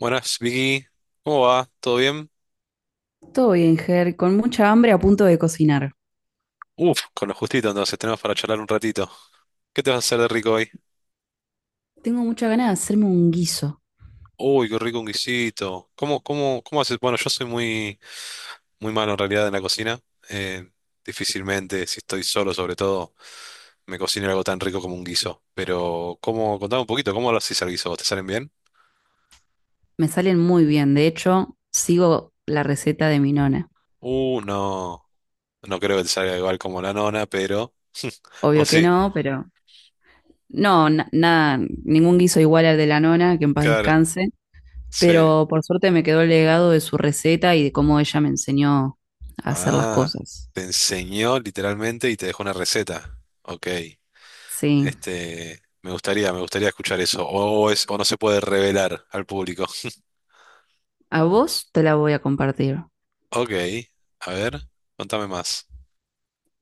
Buenas, Vicky. ¿Cómo va? ¿Todo bien? Todo bien, Ger, con mucha hambre a punto de cocinar. Uf, con lo justito entonces tenemos para charlar un ratito. ¿Qué te vas a hacer de rico hoy? Tengo mucha ganas de hacerme un guiso. Uy, qué rico un guisito. ¿Cómo haces? Bueno, yo soy muy, muy malo en realidad en la cocina. Eh, Difícilmente, si estoy solo sobre todo, me cocino algo tan rico como un guiso. Pero, ¿cómo? Contame un poquito, ¿cómo lo haces al guiso? ¿Vos te salen bien? Me salen muy bien, de hecho, sigo la receta de mi nona. Uh, no, no creo que te salga igual como la nona, pero... O Obvio que sí, no, pero no, nada, ningún guiso igual al de la nona, que en paz claro, descanse. sí. Pero por suerte me quedó el legado de su receta y de cómo ella me enseñó a hacer las Ah, cosas. te enseñó literalmente y te dejó una receta. Ok, Sí, este, me gustaría escuchar eso. O es, o no se puede revelar al público. a vos te la voy a compartir. Ok, a ver, contame más.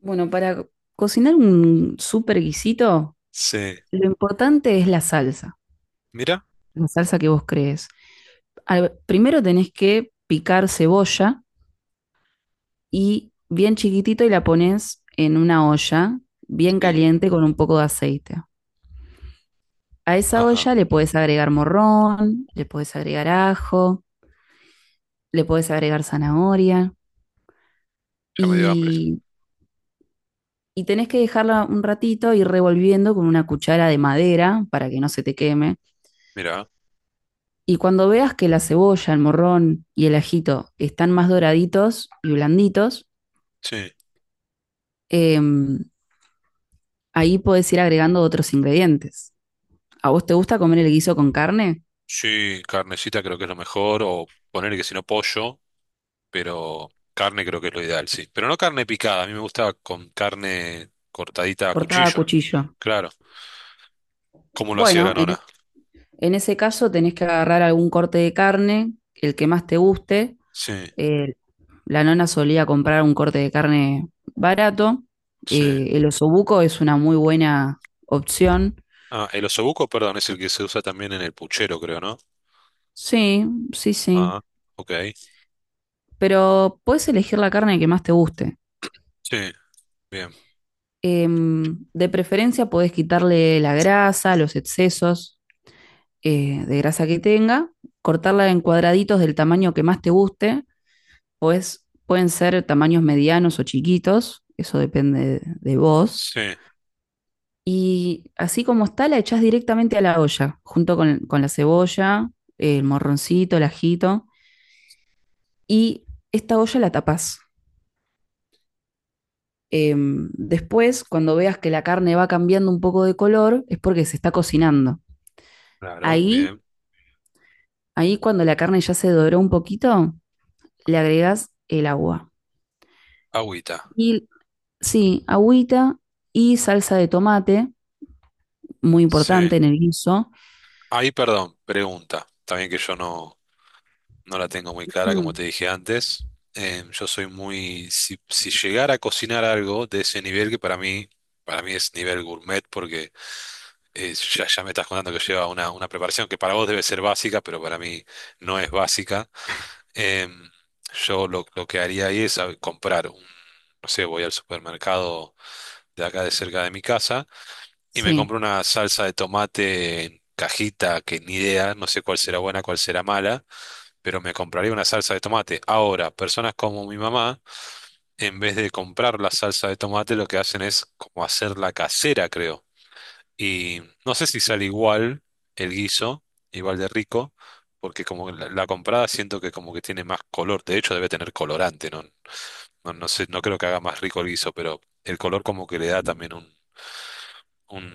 Bueno, para cocinar un super guisito, Sí, lo importante es la salsa. mira, La salsa que vos crees. Primero tenés que picar cebolla y bien chiquitito y la pones en una olla bien sí, caliente con un poco de aceite. A esa ajá, olla le podés agregar morrón, le podés agregar ajo, le podés agregar zanahoria ya me dio hambre. y, y tenés que dejarla un ratito y revolviendo con una cuchara de madera para que no se te queme. Mira, Y cuando veas que la cebolla, el morrón y el ajito están más doraditos y blanditos, sí, em, ahí podés ir agregando otros ingredientes. ¿A vos te gusta comer el guiso con carne? sí, carnecita creo que es lo mejor, o poner que si no pollo, pero carne creo que es lo ideal, sí. Pero no carne picada, a mí me gusta con carne cortadita a Cortada a cuchillo, cuchillo. claro. ¿Cómo lo hacía Bueno, la nona? en ese caso tenés que agarrar algún corte de carne, el que más te guste. Sí, Eh, la nona solía comprar un corte de carne barato. sí. El osobuco es una muy buena opción. Ah, el osobuco, perdón, es el que se usa también en el puchero, creo, ¿no? Sí, sí, sí. Ah, ok. Pero puedes elegir la carne que más te guste. Sí, bien. De preferencia podés quitarle la grasa, los excesos, de grasa que tenga, cortarla en cuadraditos del tamaño que más te guste, pues pueden ser tamaños medianos o chiquitos, eso depende de vos. Sí, Y así como está, la echás directamente a la olla, junto con la cebolla, el morroncito, el ajito, y esta olla la tapás. Después, cuando veas que la carne va cambiando un poco de color, es porque se está cocinando. claro, Ahí, bien. Ahí cuando la carne ya se doró un poquito, le agregas el agua. Agüita. Y Sí, agüita y salsa de tomate, muy Sí. importante en el guiso. Ahí, perdón, pregunta. También que yo no, no la tengo muy clara, como te Mm. dije antes. Yo soy muy. Si, si llegara a cocinar algo de ese nivel, que para mí es nivel gourmet, porque ya, ya me estás contando que lleva una preparación que para vos debe ser básica, pero para mí no es básica. Em, yo lo que haría ahí es a ver, comprar no sé, voy al supermercado de acá de cerca de mi casa y me Sí, compro una salsa de tomate en cajita que ni idea, no sé cuál será buena, cuál será mala, pero me compraría una salsa de tomate. Ahora, personas como mi mamá, en vez de comprar la salsa de tomate, lo que hacen es como hacerla casera, creo. Y no sé si sale igual el guiso, igual de rico. Porque como la comprada siento que como que tiene más color, de hecho debe tener colorante, ¿no? No, no sé, no creo que haga más rico el guiso, pero el color como que le da también un...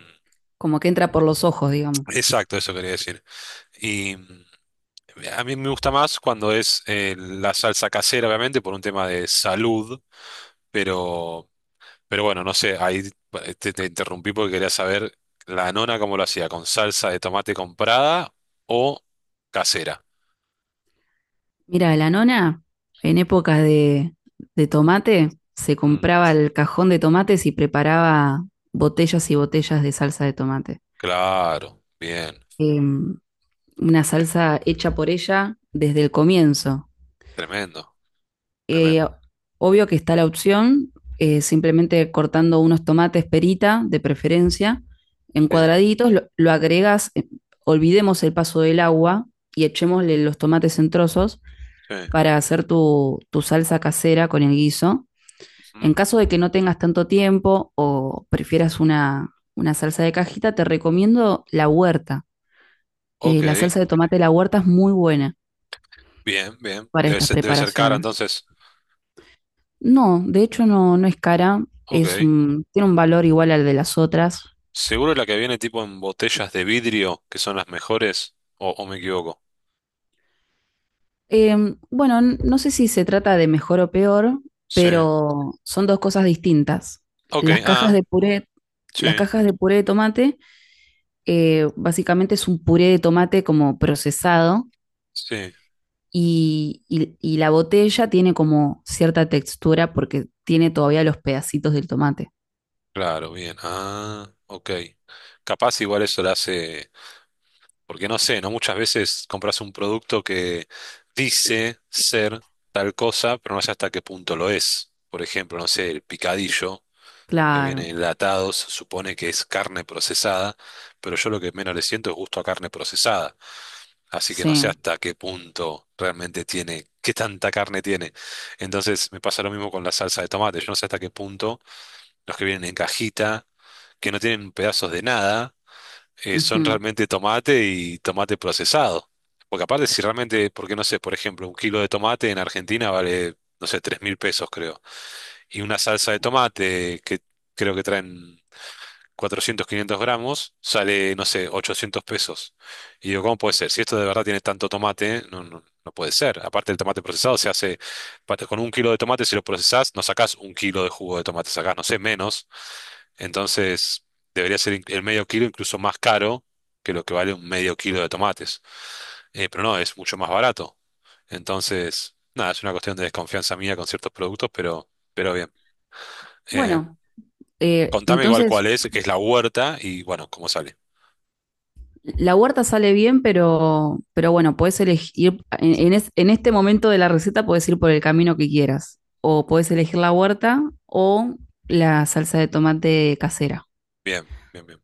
como que entra por los ojos, digamos. Exacto, eso quería decir. Y mm, a mí me gusta más cuando es la salsa casera, obviamente, por un tema de salud, pero, pero bueno, no sé, ahí te interrumpí porque quería saber la nona cómo lo hacía, con salsa de tomate comprada o casera. Mira, la nona, en épocas de tomate, se Mm, compraba el cajón de tomates y preparaba botellas y botellas de salsa de tomate. claro, bien, Em, una salsa hecha por ella desde el comienzo. tremendo, tremendo. eh, Obvio que está la opción, simplemente cortando unos tomates perita, de preferencia, en Sí, cuadraditos, lo agregas, olvidemos el paso del agua y echémosle los tomates en trozos sí, para hacer tu salsa casera con el guiso. ujú. En caso de que no tengas tanto tiempo o prefieras una salsa de cajita, te recomiendo la huerta. Ok, La salsa de tomate de la huerta es muy buena bien, bien. para estas Debe ser cara preparaciones. entonces. No, de hecho no, no es cara, Ok. Tiene un valor igual al de las otras. Seguro la que viene tipo en botellas de vidrio, que son las mejores, o me equivoco. Bueno, no sé si se trata de mejor o peor, Sí. pero son dos cosas distintas. Ok, Las cajas ah, de puré, las sí, cajas de puré de tomate, básicamente es un puré de tomate como procesado sí. y la botella tiene como cierta textura porque tiene todavía los pedacitos del tomate. Claro, bien. Ah, ok. Capaz igual eso la hace, porque no sé, ¿no? Muchas veces compras un producto que dice ser tal cosa, pero no sé hasta qué punto lo es. Por ejemplo, no sé, el picadillo, que Claro, viene enlatado, se supone que es carne procesada, pero yo lo que menos le siento es gusto a carne procesada. Así que no sé sí. hasta qué punto realmente tiene, qué tanta carne tiene. Entonces me pasa lo mismo con la salsa de tomate. Yo no sé hasta qué punto los que vienen en cajita, que no tienen pedazos de nada, son Ujú. realmente tomate y tomate procesado. Porque aparte, si realmente, porque no sé, por ejemplo, un kilo de tomate en Argentina vale, no sé, 3.000 pesos creo. Y una salsa de tomate que creo que traen 400 500 gramos, sale, no sé, 800 pesos. Y digo, ¿cómo puede ser? Si esto de verdad tiene tanto tomate, no, no, no puede ser. Aparte el tomate procesado se hace, con un kilo de tomate, si lo procesás, no sacás un kilo de jugo de tomate, sacás, no sé, menos. Entonces, debería ser el medio kilo incluso más caro que lo que vale un medio kilo de tomates. Pero no, es mucho más barato. Entonces, nada, es una cuestión de desconfianza mía con ciertos productos, pero bien. Eh, Bueno, Contame igual cuál entonces... es, que es la huerta y bueno, cómo sale. La huerta sale bien, pero bueno, puedes elegir, en este momento de la receta puedes ir por el camino que quieras. O puedes elegir la huerta o la salsa de tomate casera. Bien, bien, bien.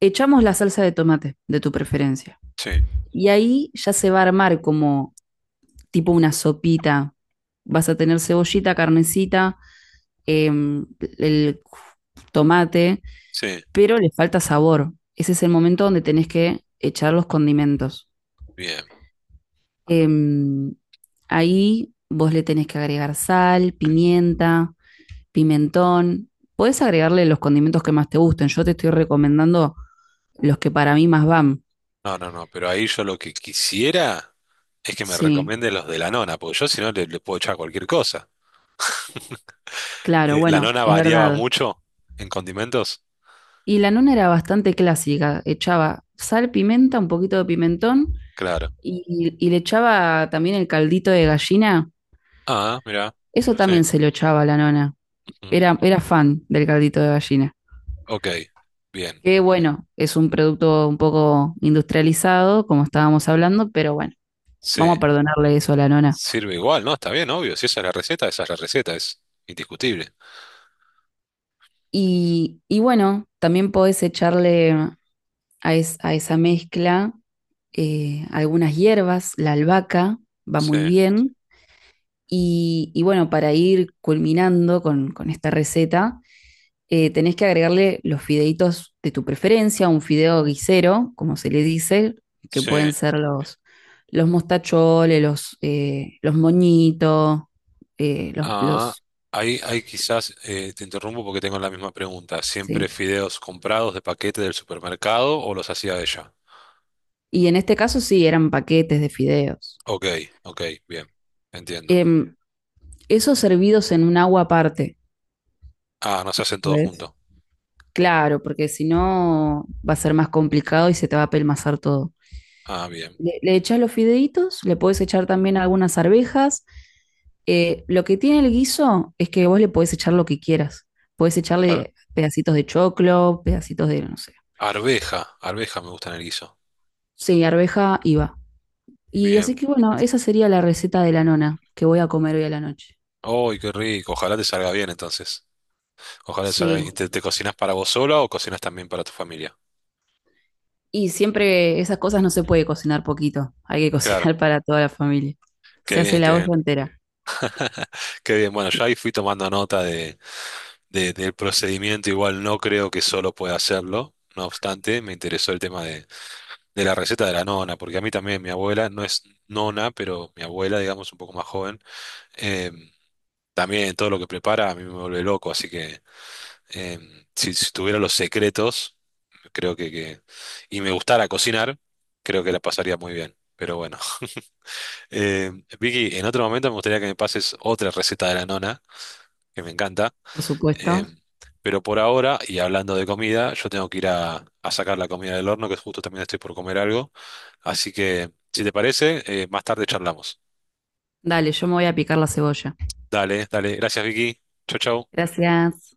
Echamos la salsa de tomate de tu preferencia. Sí, Y ahí ya se va a armar como tipo una sopita. Vas a tener cebollita, carnecita, em, el tomate, sí, pero le falta sabor. Ese es el momento donde tenés que echar los condimentos. bien. Em, Ahí vos le tenés que agregar sal, pimienta, pimentón. Podés agregarle los condimentos que más te gusten. Yo te estoy recomendando los que para mí más van. No, no, no, pero ahí yo lo que quisiera es que me Sí, recomiende los de la nona, porque yo si no le, le puedo echar cualquier cosa. claro, La bueno, nona es variaba verdad. mucho en condimentos, Y la nona era bastante clásica. Echaba sal, pimienta, un poquito de pimentón claro. Y le echaba también el caldito de gallina. Ah, mira, Eso sí. también se lo echaba a la nona. Ujú, Era, era fan del caldito de gallina. ok, bien. Que bueno, es un producto un poco industrializado, como estábamos hablando, pero bueno, Sí, vamos a perdonarle eso a la nona. sirve igual, ¿no? Está bien, obvio. Si esa es la receta, esa es la receta, es indiscutible. Y bueno, también podés echarle a esa mezcla, algunas hierbas, la albahaca va Sí, muy bien. Y bueno, para ir culminando con esta receta, tenés que agregarle los fideitos de tu preferencia, un fideo guisero, como se le dice, que sí. pueden ser los mostacholes, los moñitos, eh, los, Ah, los- ahí quizás te interrumpo porque tengo la misma pregunta. ¿Siempre sí. fideos comprados de paquete del supermercado o los hacía ella? Y en este caso sí, eran paquetes de fideos. Ok, ok, bien, entiendo. Em, Esos servidos en un agua aparte. Ah, no se hacen todos ¿Ves? juntos. Claro, porque si no va a ser más complicado y se te va a pelmazar todo. Ah, bien, Le echás los fideitos, le podés echar también algunas arvejas. Lo que tiene el guiso es que vos le podés echar lo que quieras. Podés claro. echarle pedacitos de choclo, pedacitos de, no sé. Arveja, arveja me gusta en el guiso. Sí, arveja y va. Y así Bien. que bueno, esa sería la receta de la nona que voy a comer hoy a la noche. ¡Ay, qué rico! Ojalá te salga bien entonces. Ojalá te salga Sí. bien. ¿Y ¿Te, te cocinas para vos sola o cocinas también para tu familia? Y siempre esas cosas no se puede cocinar poquito. Hay que Claro, cocinar para toda la familia. qué Se hace bien, qué la bien. olla entera, Qué bien, bueno, yo ahí fui tomando nota del procedimiento, igual no creo que solo pueda hacerlo. No obstante, me interesó el tema de la receta de la nona, porque a mí también mi abuela no es nona, pero mi abuela, digamos, un poco más joven, eh, también todo lo que prepara a mí me vuelve loco, así que si, si tuviera los secretos, creo que y me gustara cocinar, creo que la pasaría muy bien. Pero bueno, Eh, Vicky, en otro momento me gustaría que me pases otra receta de la nona, que me encanta. por supuesto. Em, pero por ahora, y hablando de comida, yo tengo que ir a sacar la comida del horno, que justo también estoy por comer algo. Así que, si te parece, más tarde charlamos. Dale, yo me voy a picar la cebolla. Dale, dale. Gracias, Vicky. Chau, chau. Gracias.